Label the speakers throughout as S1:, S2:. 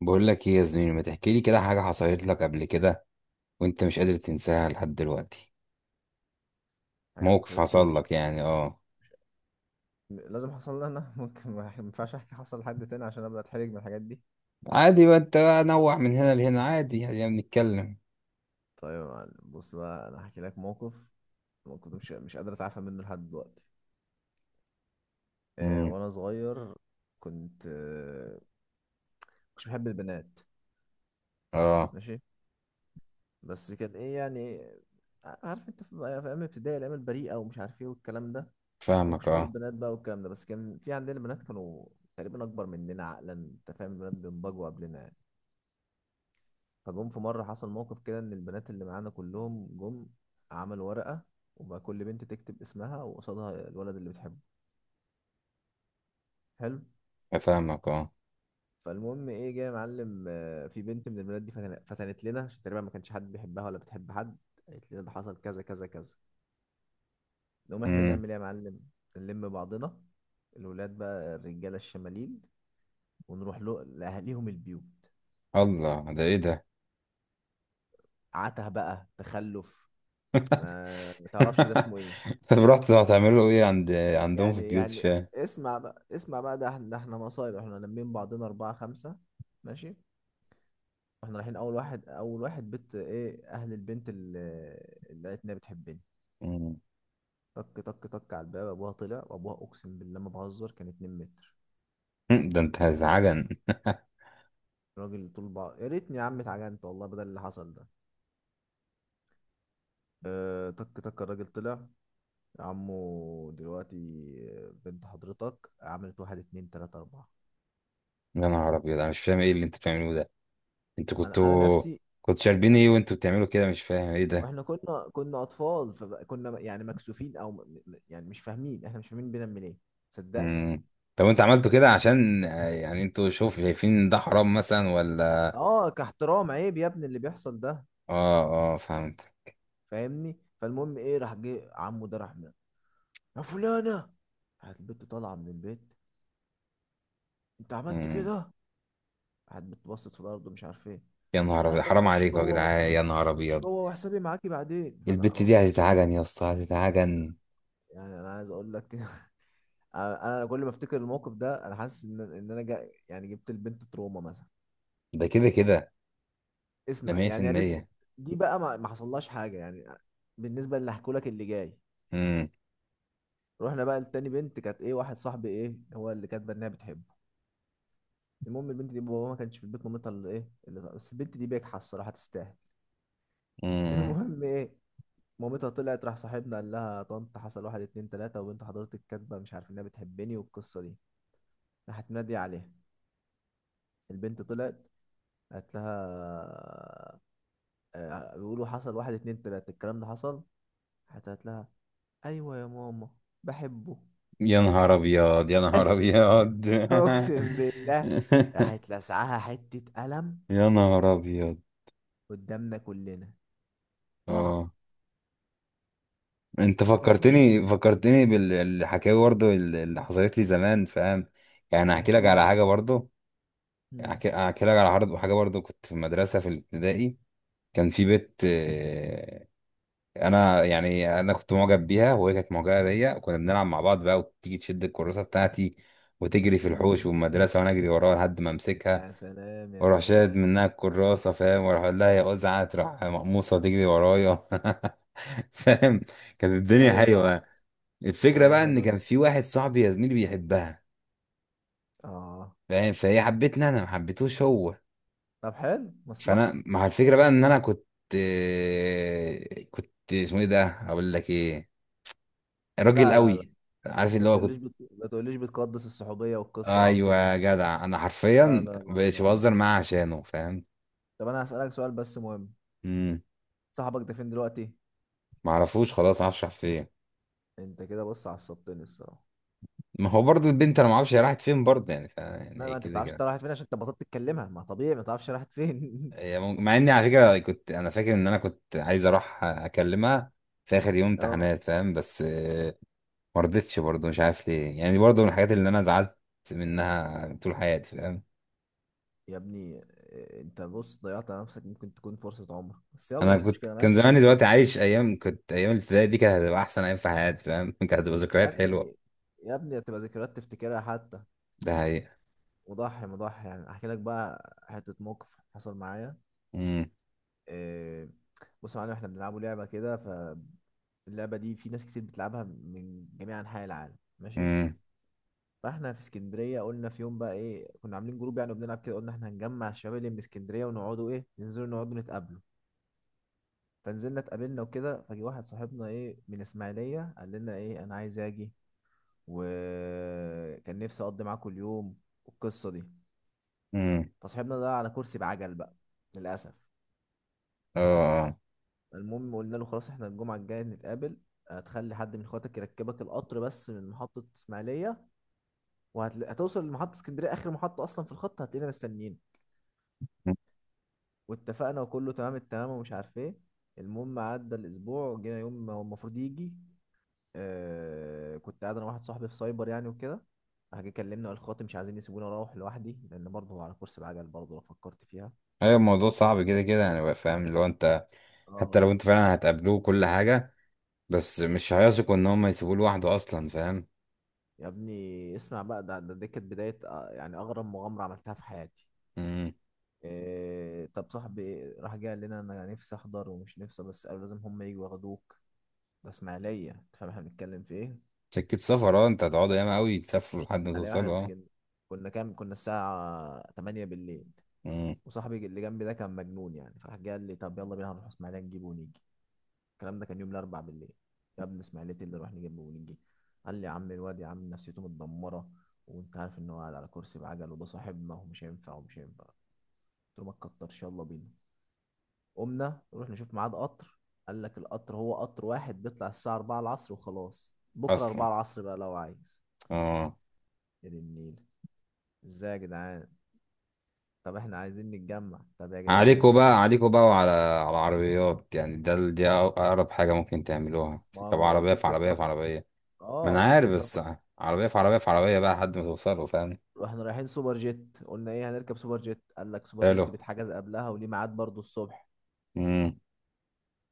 S1: بقول لك ايه يا زميلي، ما تحكي لي كده حاجة حصلت لك قبل كده وانت مش قادر تنساها لحد دلوقتي؟
S2: حاجة
S1: موقف
S2: حصلت لي
S1: حصل
S2: ومش
S1: لك يعني، اه.
S2: مش... لازم حصل لي أنا ممكن ما ينفعش أحكي حصل لحد تاني عشان أبدأ أتحرج من الحاجات دي.
S1: عادي بقى، انت بقى نوع من هنا لهنا، عادي يعني بنتكلم.
S2: طيب يا معلم، بص بقى أنا هحكي لك موقف كنت مش قادر أتعافى منه لحد دلوقتي. آه
S1: امم
S2: وأنا صغير كنت مش بحب البنات،
S1: اه.
S2: ماشي. بس كان إيه يعني، عارف أنت في أيام الابتدائي، الأيام البريئة ومش عارف إيه والكلام ده. فما
S1: فاهمك
S2: كنتش بحب
S1: اه.
S2: البنات بقى والكلام ده، بس كان في عندنا بنات كانوا تقريبا أكبر مننا عقلا، أنت فاهم، البنات بينضجوا قبلنا يعني. فجم في مرة، حصل موقف كده إن البنات اللي معانا كلهم جم عملوا ورقة، وبقى كل بنت تكتب اسمها وقصادها الولد اللي بتحبه. حلو.
S1: فاهمك اه.
S2: فالمهم إيه جاي يا معلم، في بنت من البنات دي فتنت لنا عشان تقريبا ما كانش حد بيحبها ولا بتحب حد. قالت لنا ده حصل كذا كذا كذا. نقوم إحنا
S1: امم
S2: نعمل إيه يا معلم؟ نلم بعضنا، الولاد بقى الرجالة الشمالين، ونروح له لأهاليهم البيوت.
S1: الله، ده ايه ده؟
S2: عته بقى، تخلف، ما تعرفش ده اسمه إيه.
S1: طب رحت هتعملوا ايه عندهم في
S2: يعني
S1: البيوت؟ مش
S2: يعني
S1: فاهم.
S2: اسمع بقى، ده احنا مصايب، احنا لمين بعضنا أربعة خمسة، ماشي. واحنا رايحين أول واحد بيت إيه أهل البنت اللي قالت إنها بتحبني.
S1: مم.
S2: طك طك طك على الباب، أبوها طلع، وأبوها أقسم بالله ما بهزر كان 2 متر.
S1: ده انت هزعجن.
S2: الراجل طول بقى، يا ريتني يا عم اتعجنت والله بدل اللي حصل ده. اه طك طك، الراجل طلع. يا عمو، دلوقتي بنت حضرتك عملت واحد اتنين تلاتة أربعة.
S1: يا نهار ابيض، انا مش فاهم ايه اللي انتوا بتعملوه ده. انتوا
S2: أنا
S1: كنتوا
S2: نفسي
S1: كنتوا شاربين ايه
S2: يعني.
S1: وانتوا بتعملوا كده؟ مش فاهم ايه ده.
S2: واحنا كنا اطفال فكنا يعني مكسوفين او يعني مش فاهمين، احنا مش فاهمين بنعمل ايه، صدقني.
S1: مم. طب انتوا عملتوا كده عشان، يعني انتوا شوف، شايفين ده حرام مثلا ولا؟
S2: اه كاحترام، عيب يا ابني اللي بيحصل ده.
S1: اه اه، فهمت.
S2: فاهمني. فالمهم ايه، راح جه عمه ده، يا فلانه. راحت البت طالعه من البيت، انت عملت
S1: مم.
S2: كده؟ راحت بتبصت في الارض ومش عارف ايه.
S1: يا
S2: قال
S1: نهار
S2: لها
S1: ابيض،
S2: طب
S1: حرام
S2: خشي
S1: عليكم يا
S2: جوه،
S1: جدعان، يا نهار
S2: خشي
S1: ابيض.
S2: جوه وحسابي معاكي بعدين. فانا
S1: البت دي
S2: خلاص،
S1: هتتعجن يا اسطى، هتتعجن.
S2: يعني انا عايز اقول لك أنا كل ما افتكر الموقف ده انا حاسس ان انا جا يعني جبت البنت تروما مثلا.
S1: ده كده كده، ده
S2: اسمع يعني، يا ريت
S1: 100%.
S2: دي بقى ما حصلهاش حاجه يعني، بالنسبه اللي هحكولك اللي جاي.
S1: امم.
S2: رحنا بقى لتاني بنت، كانت ايه، واحد صاحبي ايه هو اللي كاتبه انها بتحبه. المهم البنت دي بابا ما كانش في البيت، مامتها اللي ايه اللي، بس البنت دي بجحة الصراحه تستاهل.
S1: امم.
S2: المهم ايه، مامتها طلعت، راح صاحبنا قال لها يا طنط حصل واحد اتنين تلاته وبنت حضرتك كاتبه مش عارف انها بتحبني والقصه دي. راحت ناديه عليها، البنت طلعت، قالت لها، بيقولوا حصل واحد اتنين تلاته الكلام ده حصل؟ راحت قالت لها ايوه يا ماما، بحبه.
S1: يا نهار ابيض، يا نهار ابيض.
S2: اقسم بالله، راحت لسعها حته قلم
S1: يا نهار ابيض.
S2: قدامنا كلنا،
S1: اه،
S2: طخ.
S1: انت
S2: قالت لها خش.
S1: فكرتني، فكرتني بالحكايه برضه اللي حصلت لي زمان، فاهم؟ يعني هحكي لك على
S2: اكيد.
S1: حاجه برضه.
S2: مم.
S1: أحكي، أحكي لك على عرض وحاجة برضو كنت في المدرسة في الابتدائي. كان في بنت، أنا يعني، أنا كنت معجب بيها وهي كانت معجبة بيا، وكنا بنلعب مع بعض بقى، وتيجي تشد الكراسة بتاعتي وتجري في
S2: مم.
S1: الحوش والمدرسة، وأنا أجري وراها لحد ما أمسكها
S2: يا سلام يا
S1: وأروح شاد
S2: سلام.
S1: منها الكراسة، فاهم؟ وأروح أقول لها يا أزعة، تروح مقموصة تجري ورايا. فاهم؟ كانت الدنيا
S2: ايوه طبعا.
S1: حلوة. الفكرة
S2: ايام
S1: بقى، إن
S2: حلوه
S1: كان
S2: دي،
S1: في واحد صاحبي يا زميلي بيحبها،
S2: اه.
S1: فاهم؟ فهي حبتني، أنا ما حبيتهوش هو.
S2: طب حلو، مصلحه.
S1: فانا مع الفكره بقى ان انا كنت، كنت اسمه ايه ده، اقول لك ايه، راجل
S2: لا لا لا،
S1: قوي. عارف اللي هو كنت.
S2: ما تقوليش بتقدس الصحوبيه والقصه العبيطه
S1: ايوه
S2: دي.
S1: يا جدع، انا
S2: لا
S1: حرفيا
S2: لا لا
S1: مبقتش
S2: لا لا.
S1: بهزر معاه عشانه، فاهم؟
S2: طب انا هسألك سؤال بس مهم،
S1: امم.
S2: صاحبك ده فين دلوقتي؟
S1: ما اعرفوش، خلاص معرفش راح فين.
S2: انت كده بص عصبتني الصراحه.
S1: ما هو برضو البنت انا ما اعرفش هي راحت فين برضه يعني. يعني
S2: ما
S1: إيه؟
S2: انت ما
S1: كده
S2: بتعرفش انت
S1: كده.
S2: رايحة فين عشان انت بطلت تتكلمها، ما طبيعي ما تعرفش رايحة فين.
S1: مع اني على فكره كنت انا فاكر ان انا كنت عايز اروح اكلمها في اخر يوم
S2: اه.
S1: امتحانات، فاهم؟ بس، ما رضتش برضه، مش عارف ليه يعني، برضه من الحاجات اللي انا زعلت منها طول حياتي، فاهم؟
S2: يا ابني، انت بص ضيعت على نفسك، ممكن تكون فرصة عمر، بس يلا
S1: انا
S2: مش
S1: كنت،
S2: مشكلة،
S1: كان
S2: مالكش
S1: زماني
S2: نصيب.
S1: دلوقتي عايش ايام، كنت ايام الابتدائي دي كانت هتبقى احسن ايام في حياتي، فاهم؟ كانت هتبقى
S2: يا
S1: ذكريات حلوه.
S2: ابني، يا ابني، هتبقى ذكريات تفتكرها حتى.
S1: ده حقيقة.
S2: وضحي مضحي يعني، احكي لك بقى حتة موقف حصل معايا.
S1: امم.
S2: اه، بص يا معلم، احنا بنلعبوا لعبة كده، ف اللعبة دي في ناس كتير بتلعبها من جميع أنحاء العالم، ماشي.
S1: امم.
S2: فاحنا في اسكندريه، قلنا في يوم بقى ايه، كنا عاملين جروب يعني وبنلعب كده، قلنا احنا هنجمع الشباب اللي من اسكندريه ونقعدوا ايه، ننزلوا نقعدوا نتقابلوا. فنزلنا اتقابلنا وكده، فجي واحد صاحبنا ايه من اسماعيليه قال لنا ايه انا عايز اجي وكان نفسي اقضي معاكم اليوم والقصه دي.
S1: امم.
S2: فصاحبنا ده على كرسي بعجل بقى، للاسف.
S1: اه، آه.
S2: المهم قلنا له خلاص احنا الجمعه الجايه نتقابل، هتخلي حد من اخواتك يركبك القطر بس من محطه اسماعيليه، وهتوصل لمحطه اسكندريه اخر محطه اصلا في الخط، هتلاقينا مستنيين.
S1: مم.
S2: واتفقنا وكله تمام التمام ومش عارف ايه. المهم عدى الاسبوع، جينا يوم ما هو المفروض يجي، آه كنت قاعد انا واحد صاحبي في سايبر يعني وكده، راح جه كلمنا وقال خاطر مش عايزين يسيبوني اروح لوحدي لان برضه هو على كرسي بعجل، برضه لو فكرت فيها.
S1: ايوه الموضوع صعب كده كده يعني بقى، فاهم؟ اللي هو انت حتى
S2: اه.
S1: لو انت فعلا هتقابلوه كل حاجه، بس مش هيثقوا ان هم يسيبوه لوحده اصلا، فاهم؟
S2: يا ابني اسمع بقى، ده دي كانت بدايه، يعني اغرب مغامره عملتها في حياتي.
S1: امم.
S2: إيه طب صاحبي راح جه قال لنا انا نفسي احضر ومش نفسي، بس قالوا لازم هم يجوا ياخدوك، ده اسماعيليه، انت فاهم احنا بنتكلم في ايه،
S1: سكه سفر، اه. انت هتقعدوا ياما قوي، تسافروا لحد ما
S2: على واحنا
S1: توصلوا، اه.
S2: مسكين. كنا كام، كنا الساعة 8 بالليل.
S1: امم.
S2: وصاحبي اللي جنبي ده كان مجنون يعني، فراح جه قال لي طب يلا بينا هنروح اسماعيلية نجيبه ونيجي. الكلام ده كان يوم الأربع بالليل. يا ابني اسماعيلية، إيه اللي نروح نجيبه ونيجي؟ قال لي يا عم الواد يا عم نفسيته متدمرة وانت عارف ان هو قاعد على كرسي بعجل وده صاحبنا ومش هينفع ومش هينفع. قلت له ما تكترش، يلا بينا. قمنا نروح نشوف ميعاد قطر، قال لك القطر هو قطر واحد بيطلع الساعة 4 العصر وخلاص، بكرة
S1: اصلا،
S2: 4 العصر بقى لو عايز.
S1: اه.
S2: يا دي النيل، ازاي يا جدعان، طب احنا عايزين نتجمع، طب يا جدعان.
S1: عليكوا بقى، عليكوا بقى، وعلى العربيات يعني، دي أقرب حاجة ممكن تعملوها،
S2: ما
S1: تركب
S2: هو
S1: عربية في
S2: سكة
S1: عربية في
S2: سفر،
S1: عربية. ما
S2: اه
S1: أنا
S2: سكة
S1: عارف، بس
S2: سفر.
S1: عربية في عربية في عربية بقى لحد ما توصلوا، فاهم؟
S2: واحنا رايحين سوبر جيت، قلنا ايه هنركب سوبر جيت، قال لك سوبر
S1: حلو.
S2: جيت بيتحجز قبلها وليه ميعاد برضه الصبح.
S1: امم.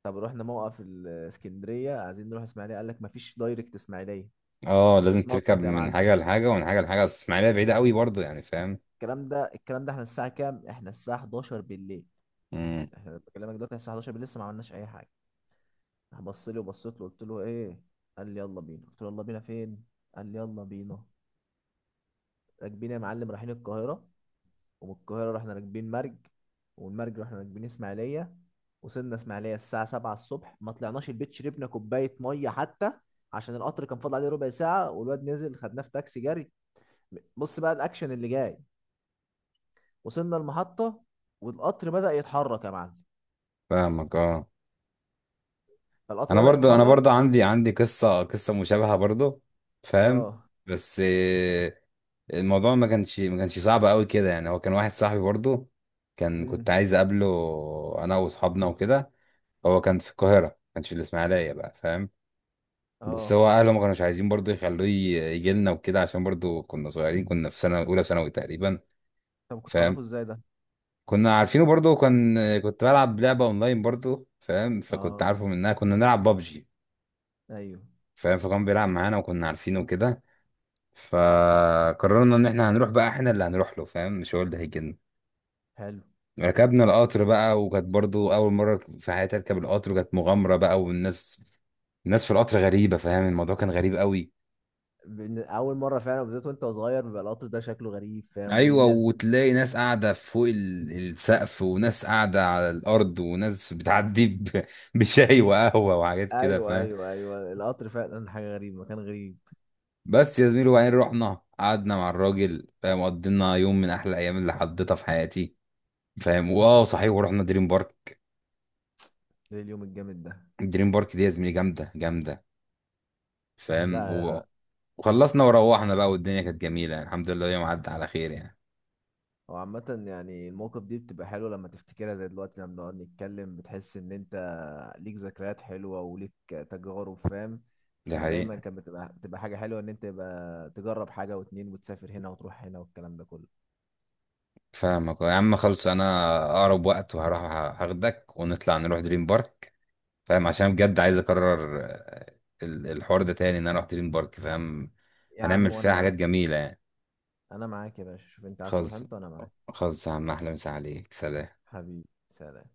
S2: طب رحنا موقف الاسكندرية عايزين نروح اسماعيلية، قال لك مفيش دايركت اسماعيلية،
S1: اه لازم تركب
S2: تتنطط يا
S1: من
S2: معلم.
S1: حاجة لحاجة ومن حاجة لحاجة، أصل إسماعيلية بعيدة قوي برضه يعني، فاهم؟
S2: الكلام ده احنا الساعة كام، احنا الساعة 11 بالليل.
S1: امم.
S2: احنا بكلمك دلوقتي الساعة 11 بالليل لسه ما عملناش اي حاجة. راح بص لي وبصيت له، قلت له ايه، قال لي يلا بينا، قلت له يلا بينا فين، قال لي يلا بينا. راكبين يا معلم رايحين القاهرة، ومن القاهرة رحنا راكبين مرج، ومن مرج رحنا راكبين اسماعيلية. وصلنا اسماعيلية الساعة 7 الصبح، ما طلعناش البيت شربنا كوباية مية حتى، عشان القطر كان فاضل عليه ربع ساعة، والواد نزل خدناه في تاكسي جري. بص بقى الأكشن اللي جاي، وصلنا المحطة والقطر بدأ يتحرك يا معلم.
S1: فاهمك اه.
S2: فالقطر
S1: انا
S2: بدأ
S1: برضو، انا
S2: يتحرك.
S1: برضو عندي، عندي قصه، قصه مشابهه برضو، فاهم؟
S2: اه.
S1: بس، الموضوع ما كانش صعب قوي كده يعني. هو كان واحد صاحبي برضو، كان كنت
S2: امم.
S1: عايز اقابله، انا واصحابنا وكده. هو كان في القاهره، ما كانش في الاسماعيليه بقى، فاهم؟ بس
S2: اه.
S1: هو اهله ما كانوش عايزين برضو يخلوه يجي لنا وكده، عشان برضو كنا صغيرين، كنا في سنه اولى ثانوي تقريبا،
S2: طب كنت تعرفه
S1: فاهم؟
S2: ازاي ده؟
S1: كنا عارفينه برضو، كان كنت بلعب لعبه اونلاين برضو، فاهم؟ فكنت
S2: اه.
S1: عارفه منها، كنا نلعب بابجي،
S2: ايوه.
S1: فاهم؟ فكان بيلعب معانا وكنا عارفينه كده. فقررنا ان احنا هنروح بقى، احنا اللي هنروح له، فاهم؟ مش هو اللي هيجيلنا.
S2: حلو.
S1: ركبنا القطر بقى، وكانت برضو اول مره في حياتي اركب القطر، وكانت مغامره بقى. والناس، الناس في القطر غريبه، فاهم؟ الموضوع كان غريب قوي.
S2: اول مره فعلا بالذات وانت صغير بيبقى القطر ده شكله غريب فاهم، وايه
S1: ايوه،
S2: الناس.
S1: وتلاقي ناس قاعده فوق السقف، وناس قاعده على الارض، وناس بتعدي بشاي وقهوه وحاجات كده،
S2: ايوه
S1: فاهم؟
S2: ايوه ايوه، القطر فعلا حاجه غريبه، مكان غريب.
S1: بس يا زميلي وبعدين رحنا قعدنا مع الراجل، فاهم؟ قضينا يوم من احلى ايام اللي حضيتها في حياتي، فاهم؟ واه صحيح، ورحنا دريم بارك.
S2: ايه اليوم الجامد ده.
S1: دريم بارك دي يا زميلي جامده، جامده، فاهم؟
S2: لا.
S1: وخلصنا وروحنا بقى، والدنيا كانت جميله يعني، الحمد لله يوم عدى على خير يعني.
S2: هو عامة يعني المواقف دي بتبقى حلوة لما تفتكرها، زي دلوقتي لما بنقعد نتكلم بتحس إن أنت ليك ذكريات حلوة وليك تجارب، فاهم.
S1: دي
S2: فدايما
S1: حقيقه.
S2: كانت بتبقى حاجة حلوة إن أنت يبقى تجرب حاجة واتنين وتسافر هنا وتروح هنا والكلام ده كله.
S1: فاهمك يا عم. خلص، انا اقرب وقت وهروح، هاخدك ونطلع نروح دريم بارك، فاهم؟ عشان بجد عايز اكرر، الحوار ده تاني، ان انا اروح دريم بارك، فاهم؟
S2: يا عم
S1: هنعمل
S2: وأنا
S1: فيها حاجات
S2: معاك،
S1: جميله يعني.
S2: أنا معاك يا باشا، شوف أنت عايز تروح
S1: خلص،
S2: إمتى وأنا معاك.
S1: خلص يا عم، احلى مسا عليك، سلام.
S2: حبيبي سلام.